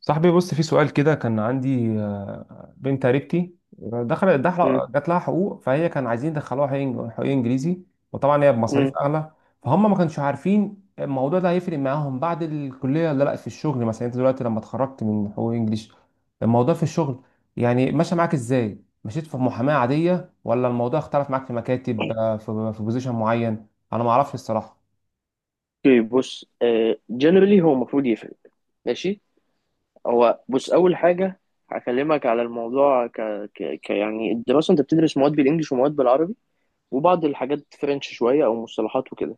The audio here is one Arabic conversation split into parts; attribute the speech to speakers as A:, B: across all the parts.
A: صاحبي بص في سؤال كده، كان عندي بنت قريبتي دخلت
B: مم.
A: دخل جات لها حقوق، فهي كان عايزين يدخلوها حقوق. حقوق انجليزي، وطبعا هي
B: مم.
A: بمصاريف اغلى. فهم ما كانش عارفين الموضوع ده هيفرق معاهم بعد الكليه ولا لا في الشغل. مثلا انت دلوقتي لما اتخرجت من حقوق انجليش، الموضوع في الشغل يعني ماشي معاك ازاي؟ مشيت في محاماه عاديه ولا الموضوع اختلف معاك في مكاتب، في بوزيشن معين؟ انا ما اعرفش الصراحه.
B: اوكي. بص، جنرالي هو المفروض يفرق. ماشي. هو بص، اول حاجه هكلمك على الموضوع ك... ك... ك يعني الدراسه، انت بتدرس مواد بالانجلش ومواد بالعربي، وبعض الحاجات فرنش شويه او مصطلحات وكده.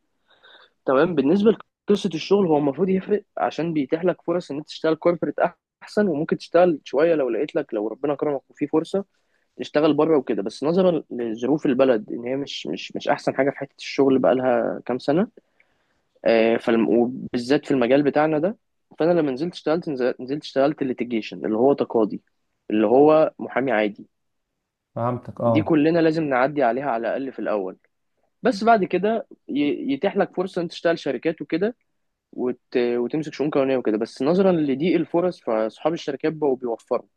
B: تمام. بالنسبه لقصه الشغل، هو المفروض يفرق عشان بيتيح لك فرص ان انت تشتغل كوربريت احسن، وممكن تشتغل شويه لو لقيت لك، لو ربنا كرمك وفي فرصه تشتغل بره وكده. بس نظرا لظروف البلد، ان هي مش احسن حاجه في حته الشغل بقالها كام سنه، وبالذات في المجال بتاعنا ده. فانا لما نزلت اشتغلت، نزلت اشتغلت ليتيجيشن اللي هو تقاضي، اللي هو محامي عادي.
A: فهمتك
B: دي
A: اه.
B: كلنا لازم نعدي عليها على الاقل في الاول. بس بعد كده يتيح لك فرصه انت تشتغل شركات وكده وتمسك شؤون قانونيه وكده. بس نظرا لضيق الفرص، فاصحاب الشركات بقوا بيوفروا.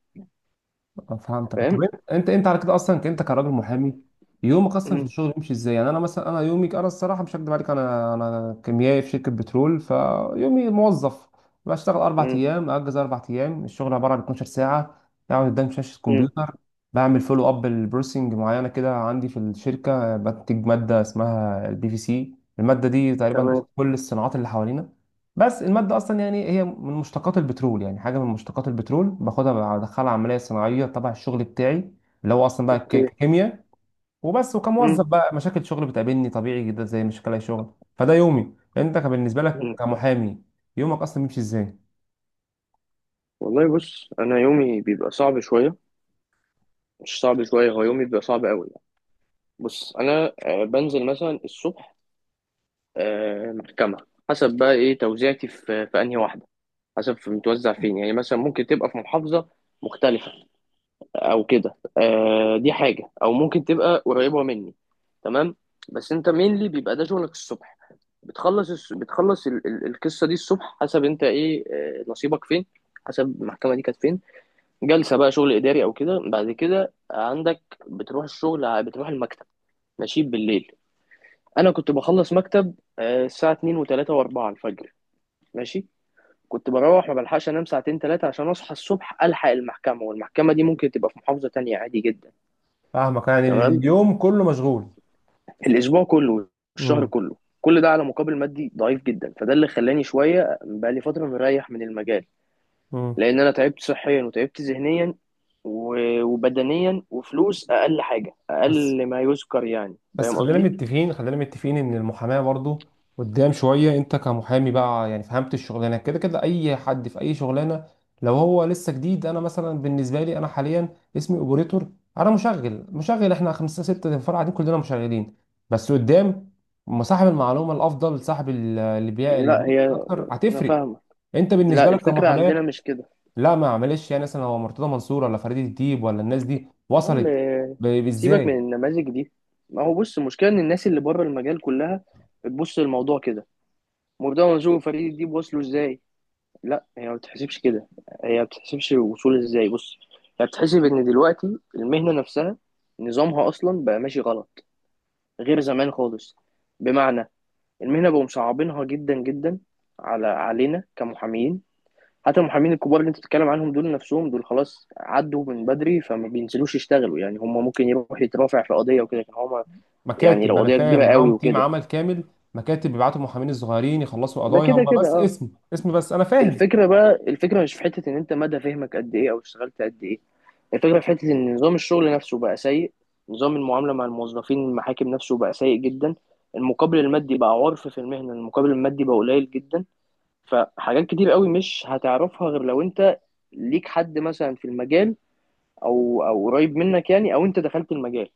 A: فهمتك. طب
B: فاهم.
A: انت، على كده اصلا، انت كراجل محامي، يومك اصلا في
B: م-
A: الشغل بيمشي ازاي؟ يعني انا مثلا، انا يومي، انا الصراحه مش هكدب عليك، انا كيميائي في شركه بترول. فيومي موظف بشتغل اربع
B: م-
A: ايام اجز اربع ايام، الشغل عباره عن 12 ساعه، اقعد قدام شاشه
B: م.
A: كمبيوتر، بعمل فولو اب لبروسنج معينه كده عندي في الشركه. بنتج ماده اسمها البي في سي، الماده دي تقريبا
B: تمام.
A: كل الصناعات اللي حوالينا. بس المادة أصلا يعني هي من مشتقات البترول، يعني حاجة من مشتقات البترول باخدها بدخلها عملية صناعية تبع الشغل بتاعي، اللي هو أصلا بقى
B: اوكي.
A: كيمياء وبس.
B: م-
A: وكموظف بقى، مشاكل شغل بتقابلني طبيعي جدا زي مشاكل أي شغل. فده يومي، أنت كان بالنسبة لك
B: م.
A: كمحامي يومك أصلا بيمشي إزاي؟
B: والله بص، انا يومي بيبقى صعب شويه. مش صعب شويه، هو يومي بيبقى صعب قوي. بص، انا بنزل مثلا الصبح محكمه. حسب بقى ايه توزيعتي في انهي واحده، حسب في متوزع فين. يعني مثلا ممكن تبقى في محافظه مختلفه او كده، دي حاجه. او ممكن تبقى قريبه مني. تمام. بس انت مينلي بيبقى ده شغلك الصبح. القصه دي الصبح، حسب انت ايه نصيبك فين، حسب المحكمه دي كانت فين، جلسه بقى شغل اداري او كده. بعد كده عندك بتروح الشغل، بتروح المكتب. ماشي بالليل. انا كنت بخلص مكتب الساعه 2 و3 و4 الفجر. ماشي. كنت بروح ما بلحقش انام ساعتين ثلاثه، عشان اصحى الصبح الحق المحكمه، والمحكمه دي ممكن تبقى في محافظه تانية عادي جدا.
A: فاهمك، يعني
B: تمام.
A: اليوم كله مشغول.
B: الاسبوع كله الشهر
A: امم،
B: كله، كل ده على مقابل مادي ضعيف جدا. فده اللي خلاني شويه بقى لي فتره مريح من المجال،
A: امم.
B: لان انا تعبت صحيا وتعبت ذهنيا وبدنيا، وفلوس اقل حاجه،
A: بس،
B: اقل ما يذكر. يعني
A: بس
B: فاهم
A: خلينا
B: قصدي؟
A: متفقين، خلينا متفقين ان المحاماه برضو قدام شويه. انت كمحامي بقى، يعني فهمت الشغلانه كده كده، اي حد في اي شغلانه لو هو لسه جديد. انا مثلا بالنسبه لي، انا حاليا اسمي اوبريتور، انا مشغل، احنا خمسه سته فرع قاعدين كلنا مشغلين. بس قدام ما صاحب المعلومه الافضل، صاحب اللي بيع،
B: يعني
A: اللي
B: لا،
A: بيعرف
B: هي
A: اكتر
B: انا
A: هتفرق.
B: فاهمه.
A: انت
B: لا،
A: بالنسبه لك
B: الفكره عندنا
A: كمحاماه،
B: مش كده.
A: لا ما معلش، يعني مثلا هو مرتضى منصور ولا فريد الديب ولا الناس دي
B: يا عم
A: وصلت
B: سيبك من
A: ازاي؟
B: النماذج دي. ما هو بص، المشكله ان الناس اللي بره المجال كلها بتبص للموضوع كده، وده منظور فريد دي بوصله ازاي. لا هي ما بتحسبش كده، هي ما بتحسبش الوصول ازاي. بص، هي بتحسب ان دلوقتي المهنه نفسها نظامها اصلا بقى ماشي غلط، غير زمان خالص. بمعنى، المهنه بقوا مصعبينها جدا جدا علينا كمحامين. حتى المحامين الكبار اللي انت بتتكلم عنهم دول، نفسهم دول خلاص عدوا من بدري فما بينزلوش يشتغلوا. يعني هم ممكن يروح يترافع في قضية وكده كان، هما يعني
A: مكاتب،
B: لو
A: انا
B: قضية
A: فاهم،
B: كبيرة قوي
A: معاهم تيم
B: وكده.
A: عمل كامل. مكاتب بيبعتوا المحامين الصغيرين يخلصوا
B: ده
A: قضايا، هم
B: كده كده
A: بس
B: اه.
A: اسم، اسم، بس انا فاهم.
B: الفكرة بقى، الفكرة مش في حتة ان انت مدى فهمك قد ايه او اشتغلت قد ايه. الفكرة في حتة ان نظام الشغل نفسه بقى سيء، نظام المعاملة مع الموظفين المحاكم نفسه بقى سيء جدا، المقابل المادي بقى عرف في المهنة، المقابل المادي بقى قليل جدا. فحاجات كتير قوي مش هتعرفها غير لو انت ليك حد مثلا في المجال، او قريب منك يعني، او انت دخلت المجال.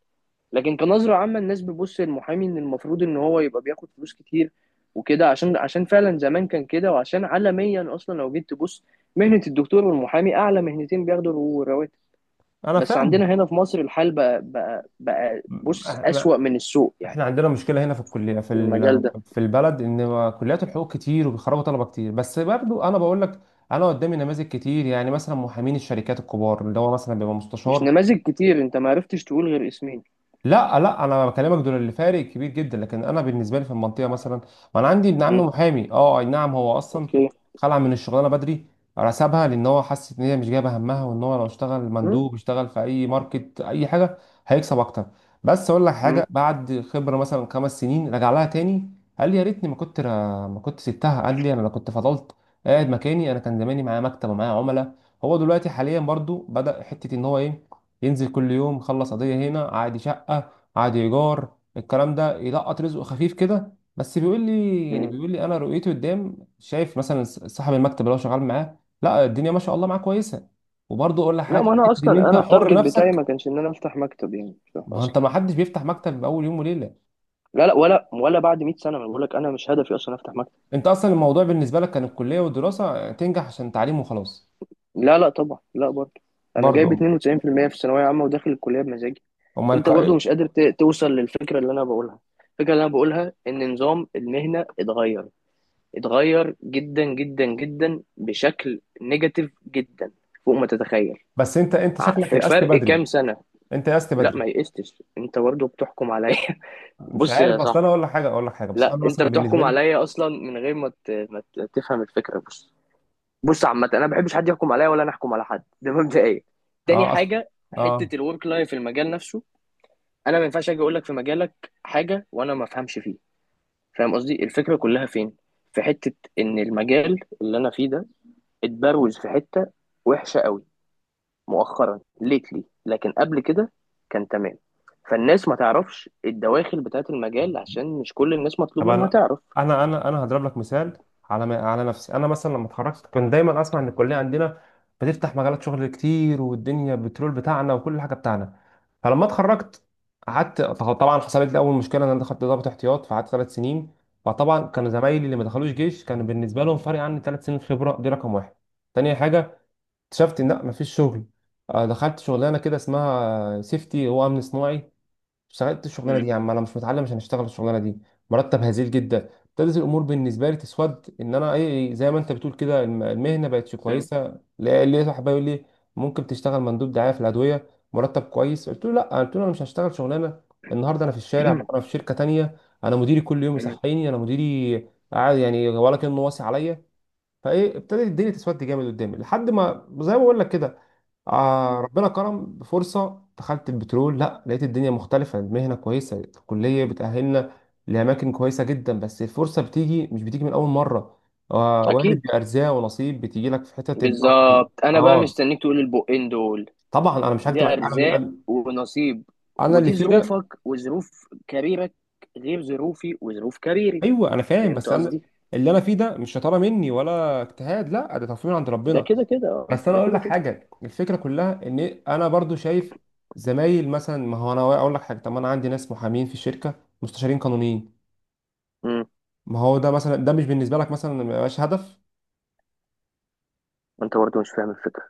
B: لكن كنظره عامه الناس بتبص للمحامي ان المفروض ان هو يبقى بياخد فلوس كتير وكده، عشان فعلا زمان كان كده، وعشان عالميا اصلا لو جيت تبص، مهنه الدكتور والمحامي اعلى مهنتين بياخدوا الرواتب.
A: انا
B: بس
A: فاهم.
B: عندنا هنا في مصر الحال بقى
A: م-.
B: بص اسوأ من السوق يعني،
A: احنا عندنا مشكله هنا في الكليه، في
B: في المجال ده.
A: في البلد، ان كليات الحقوق كتير وبيخرجوا طلبه كتير. بس برضو انا بقول لك، انا قدامي نماذج كتير. يعني مثلا محامين الشركات الكبار، اللي هو مثلا بيبقى
B: مش
A: مستشار.
B: نماذج كتير، انت ما عرفتش تقول غير اسمين.
A: لا لا، انا بكلمك دول اللي فارق كبير جدا. لكن انا بالنسبه لي في المنطقه مثلا، ما انا عندي ابن عمي
B: مم.
A: محامي. اه، اي نعم، هو اصلا
B: اوكي.
A: خلع من الشغلانه بدري، سابها لان هو حس ان هي مش جايبه همها، وان هو لو اشتغل
B: مم.
A: مندوب، اشتغل في اي ماركت، اي حاجه هيكسب اكتر. بس اقول لك
B: مم.
A: حاجه، بعد خبره مثلا خمس سنين رجع لها تاني. قال لي يا ريتني ما كنت ما كنت سبتها. قال لي انا لو كنت فضلت قاعد مكاني، انا كان زماني معايا مكتب ومعايا عملاء. هو دلوقتي حاليا برضو بدأ حته ان هو ايه، ينزل كل يوم يخلص قضية هنا عادي، شقة عادي، إيجار، الكلام ده، يلقط رزقه خفيف كده. بس بيقول لي، يعني
B: مم.
A: بيقول لي أنا رؤيتي قدام شايف مثلا صاحب المكتب اللي هو شغال معاه، لا الدنيا ما شاء الله معاه كويسة. وبرضه أقول لك
B: لا،
A: حاجة،
B: ما انا
A: حتة إن
B: اصلا
A: أنت
B: انا
A: حر
B: التارجت
A: نفسك.
B: بتاعي ما كانش ان انا افتح مكتب يعني
A: ما هو
B: اصلا.
A: أنت، ما حدش بيفتح مكتب بأول يوم وليلة.
B: لا لا، ولا بعد 100 سنة ما بقول لك، انا مش هدفي اصلا افتح مكتب.
A: أنت أصلا الموضوع بالنسبة لك كان الكلية والدراسة تنجح عشان تعليم وخلاص.
B: لا لا طبعا، لا برضه. انا جايب
A: برضه.
B: 92% في المية في الثانوية عامة، وداخل الكلية بمزاجي.
A: أمال
B: انت برضه مش قادر توصل للفكرة اللي انا بقولها. الفكرة اللي انا بقولها ان نظام المهنة اتغير، اتغير جدا جدا جدا بشكل نيجاتيف جدا، فوق ما تتخيل.
A: بس أنت، شكلك
B: في
A: يأست
B: فرق
A: بدري.
B: كام سنة.
A: أنت يأست
B: لا
A: بدري.
B: ما يقستش، انت برضه بتحكم عليا.
A: مش
B: بص يا
A: عارف، أصل أنا
B: صاحبي،
A: أقول لك حاجة، أقول لك حاجة، بس
B: لا
A: أنا
B: انت
A: مثلا بالنسبة
B: بتحكم
A: لي.
B: عليا اصلا من غير ما تفهم الفكرة. بص، بص عامة، انا ما بحبش حد يحكم عليا، ولا انا احكم على حد، ده مبدئيا. تاني
A: اه اصلا.
B: حاجة،
A: اه.
B: حتة الورك لايف في المجال نفسه، انا ما ينفعش اجي اقول لك في مجالك حاجة وانا ما افهمش فيه. فاهم قصدي؟ الفكرة كلها فين؟ في حتة ان المجال اللي انا فيه ده اتبروز في حتة وحشة قوي مؤخرا ليتلي، لكن قبل كده كان تمام. فالناس ما تعرفش الدواخل بتاعت المجال عشان مش كل الناس مطلوب
A: طب
B: منها
A: انا،
B: تعرف.
A: هضرب لك مثال على على نفسي. انا مثلا لما اتخرجت، كنت دايما اسمع ان الكليه عندنا بتفتح مجالات شغل كتير، والدنيا بترول بتاعنا وكل حاجه بتاعنا. فلما اتخرجت، قعدت طبعا حصلت لي اول مشكله، ان انا دخلت ضابط احتياط فقعدت ثلاث سنين. فطبعا كانوا
B: م-
A: زمايلي اللي ما دخلوش جيش، كان بالنسبه لهم فرق عني ثلاث سنين خبره، دي رقم واحد. تاني حاجه، اكتشفت ان لا مفيش شغل. دخلت شغلانه كده اسمها سيفتي، هو امن صناعي. اشتغلت الشغلانه
B: م-
A: دي، يا عم انا مش متعلم عشان اشتغل الشغلانه دي. مرتب هزيل جدا. ابتدت الامور بالنسبه لي تسود، ان انا ايه، زي ما انت بتقول كده، المهنه بقتش
B: م-
A: كويسه. لقيت واحد بيقول لي ممكن تشتغل مندوب دعايه في الادويه، مرتب كويس. قلت له لا، قلت له انا مش هشتغل شغلانه، النهارده انا في الشارع بكره في شركه تانية. انا مديري كل يوم
B: م-
A: يصحيني، انا مديري قاعد يعني ولا كانه واصي عليا. فايه، ابتدت الدنيا تسود جامد قدامي، لحد ما زي ما بقول لك كده،
B: م-
A: آه ربنا كرم بفرصة، دخلت البترول، لا لقيت الدنيا مختلفة، المهنة كويسة، الكلية بتأهلنا لأماكن كويسة جدا. بس الفرصة بتيجي، مش بتيجي من أول مرة، آه، وارد
B: اكيد.
A: بأرزاق ونصيب، بتيجي لك في حتة أنت أصلا.
B: بالظبط. انا بقى
A: آه
B: مستنيك تقول البقين دول.
A: طبعا، أنا مش
B: دي
A: هكتب عليك.
B: ارزاق
A: أنا،
B: ونصيب،
A: أنا اللي
B: ودي
A: فيه ده.
B: ظروفك وظروف كاريرك، غير ظروفي وظروف كاريري.
A: ايوه انا فاهم.
B: فهمت
A: بس انا
B: قصدي.
A: اللي انا فيه ده مش شطاره مني ولا اجتهاد، لا ده تصميم عند
B: ده
A: ربنا.
B: كده كده اه،
A: بس انا
B: ده
A: اقول
B: كده
A: لك
B: كده.
A: حاجه، الفكره كلها ان انا برضو شايف زمايل مثلا. ما هو انا اقول لك حاجه، طب ما انا عندي ناس محامين في الشركه، مستشارين قانونيين.
B: امم.
A: ما هو ده مثلا، ده مش بالنسبه لك مثلا ما يبقاش هدف؟
B: انت برضه مش فاهم الفكره.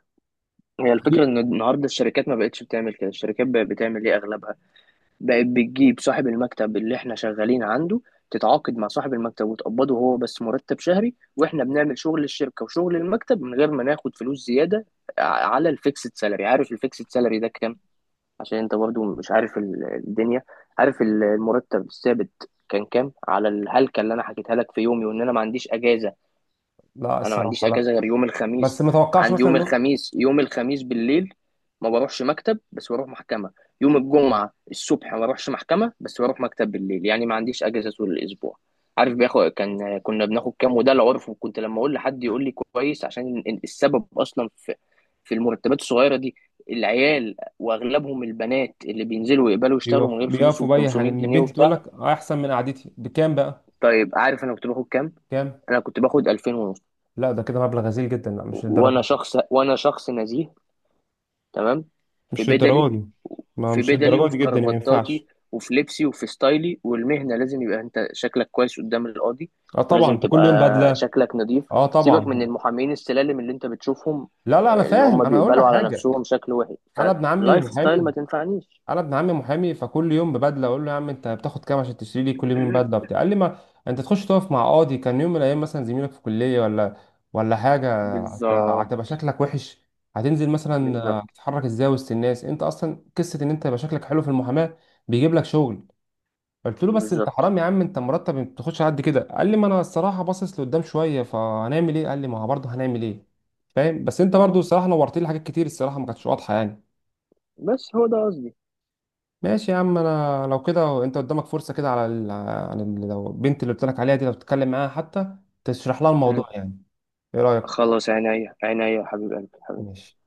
B: هي الفكره ان النهارده الشركات ما بقتش بتعمل كده. الشركات بقت بتعمل ايه اغلبها؟ بقت بتجيب صاحب المكتب اللي احنا شغالين عنده، تتعاقد مع صاحب المكتب وتقبضه هو بس مرتب شهري، واحنا بنعمل شغل الشركة وشغل المكتب من غير ما ناخد فلوس زيادة، على الفيكسد سالري. عارف الفيكسد سالري ده كام؟ عشان انت برضو مش عارف الدنيا. عارف المرتب الثابت كان كام على الهلكة اللي انا حكيتها لك في يومي، وان انا ما عنديش اجازة.
A: لا
B: انا ما عنديش
A: الصراحه لا،
B: اجازه غير يوم
A: بس
B: الخميس،
A: ما توقعش
B: عندي
A: مثلا
B: يوم
A: انه،
B: الخميس. يوم الخميس بالليل ما بروحش مكتب بس بروح محكمه، يوم الجمعه الصبح ما بروحش محكمه بس بروح مكتب بالليل. يعني ما عنديش اجازه طول الاسبوع. عارف بياخد كان كنا بناخد كام؟ وده العرف. وكنت لما اقول لحد يقول لي كويس، عشان السبب اصلا في المرتبات الصغيره دي، العيال واغلبهم البنات اللي بينزلوا يقبلوا يشتغلوا من غير فلوس
A: بيقفوا
B: وب
A: باي حاجه،
B: 500
A: ان
B: جنيه
A: البنت تقول
B: وبتاع.
A: لك احسن من قعدتي بكام بقى.
B: طيب عارف انا كنت باخد كام؟
A: كام؟
B: انا كنت باخد 2000 ونص.
A: لا ده كده مبلغ غزير جدا، لا مش للدرجه
B: وانا
A: دي.
B: شخص، وانا شخص نزيه، تمام، في
A: مش
B: بدلي،
A: للدرجه دي. ما
B: في
A: مش
B: بدلي
A: للدرجه
B: وفي
A: دي جدا، ما
B: كرافتاتي
A: ينفعش.
B: وفي لبسي وفي ستايلي، والمهنة لازم يبقى انت شكلك كويس قدام القاضي،
A: اه طبعا،
B: ولازم
A: انت كل
B: تبقى
A: يوم بدله.
B: شكلك نظيف.
A: اه
B: سيبك من
A: طبعا.
B: المحامين السلالم اللي انت بتشوفهم،
A: لا لا انا
B: اللي
A: فاهم،
B: هم
A: انا هقول لك
B: بيقبلوا على
A: حاجه.
B: نفسهم شكل وحش.
A: انا ابن عمي
B: فلايف ستايل ما
A: محامي.
B: تنفعنيش.
A: انا ابن عمي محامي، فكل يوم ببدله، اقول له يا عم انت بتاخد كام عشان تشتري لي كل يوم بدله وبتاع. قال لي ما انت تخش تقف مع قاضي كان يوم من الايام مثلا زميلك في كليه، ولا، ولا حاجه، هتبقى
B: بالظبط.
A: شكلك وحش. هتنزل مثلا،
B: بالظبط.
A: تتحرك ازاي وسط الناس. انت اصلا قصه ان انت يبقى شكلك حلو في المحاماه بيجيب لك شغل. قلت له بس انت
B: بالظبط.
A: حرام يا عم، انت مرتب ما بتاخدش على قد كده. قال لي ما انا الصراحه باصص لقدام شويه، فهنعمل ايه؟ قال لي ما هو برضه هنعمل ايه؟ فاهم. بس انت برضه
B: بالظبط.
A: الصراحه نورت لي حاجات كتير، الصراحه ما كانتش واضحه يعني.
B: بس هو ده قصدي.
A: ماشي يا عم، انا لو كده انت قدامك فرصه كده، على لو البنت اللي قلت لك عليها دي لو تتكلم معاها حتى، تشرح لها
B: مم.
A: الموضوع يعني، ايه رايك؟
B: خلاص، عينيا عينيا يا حبيب قلبي حبيبي.
A: ماشي.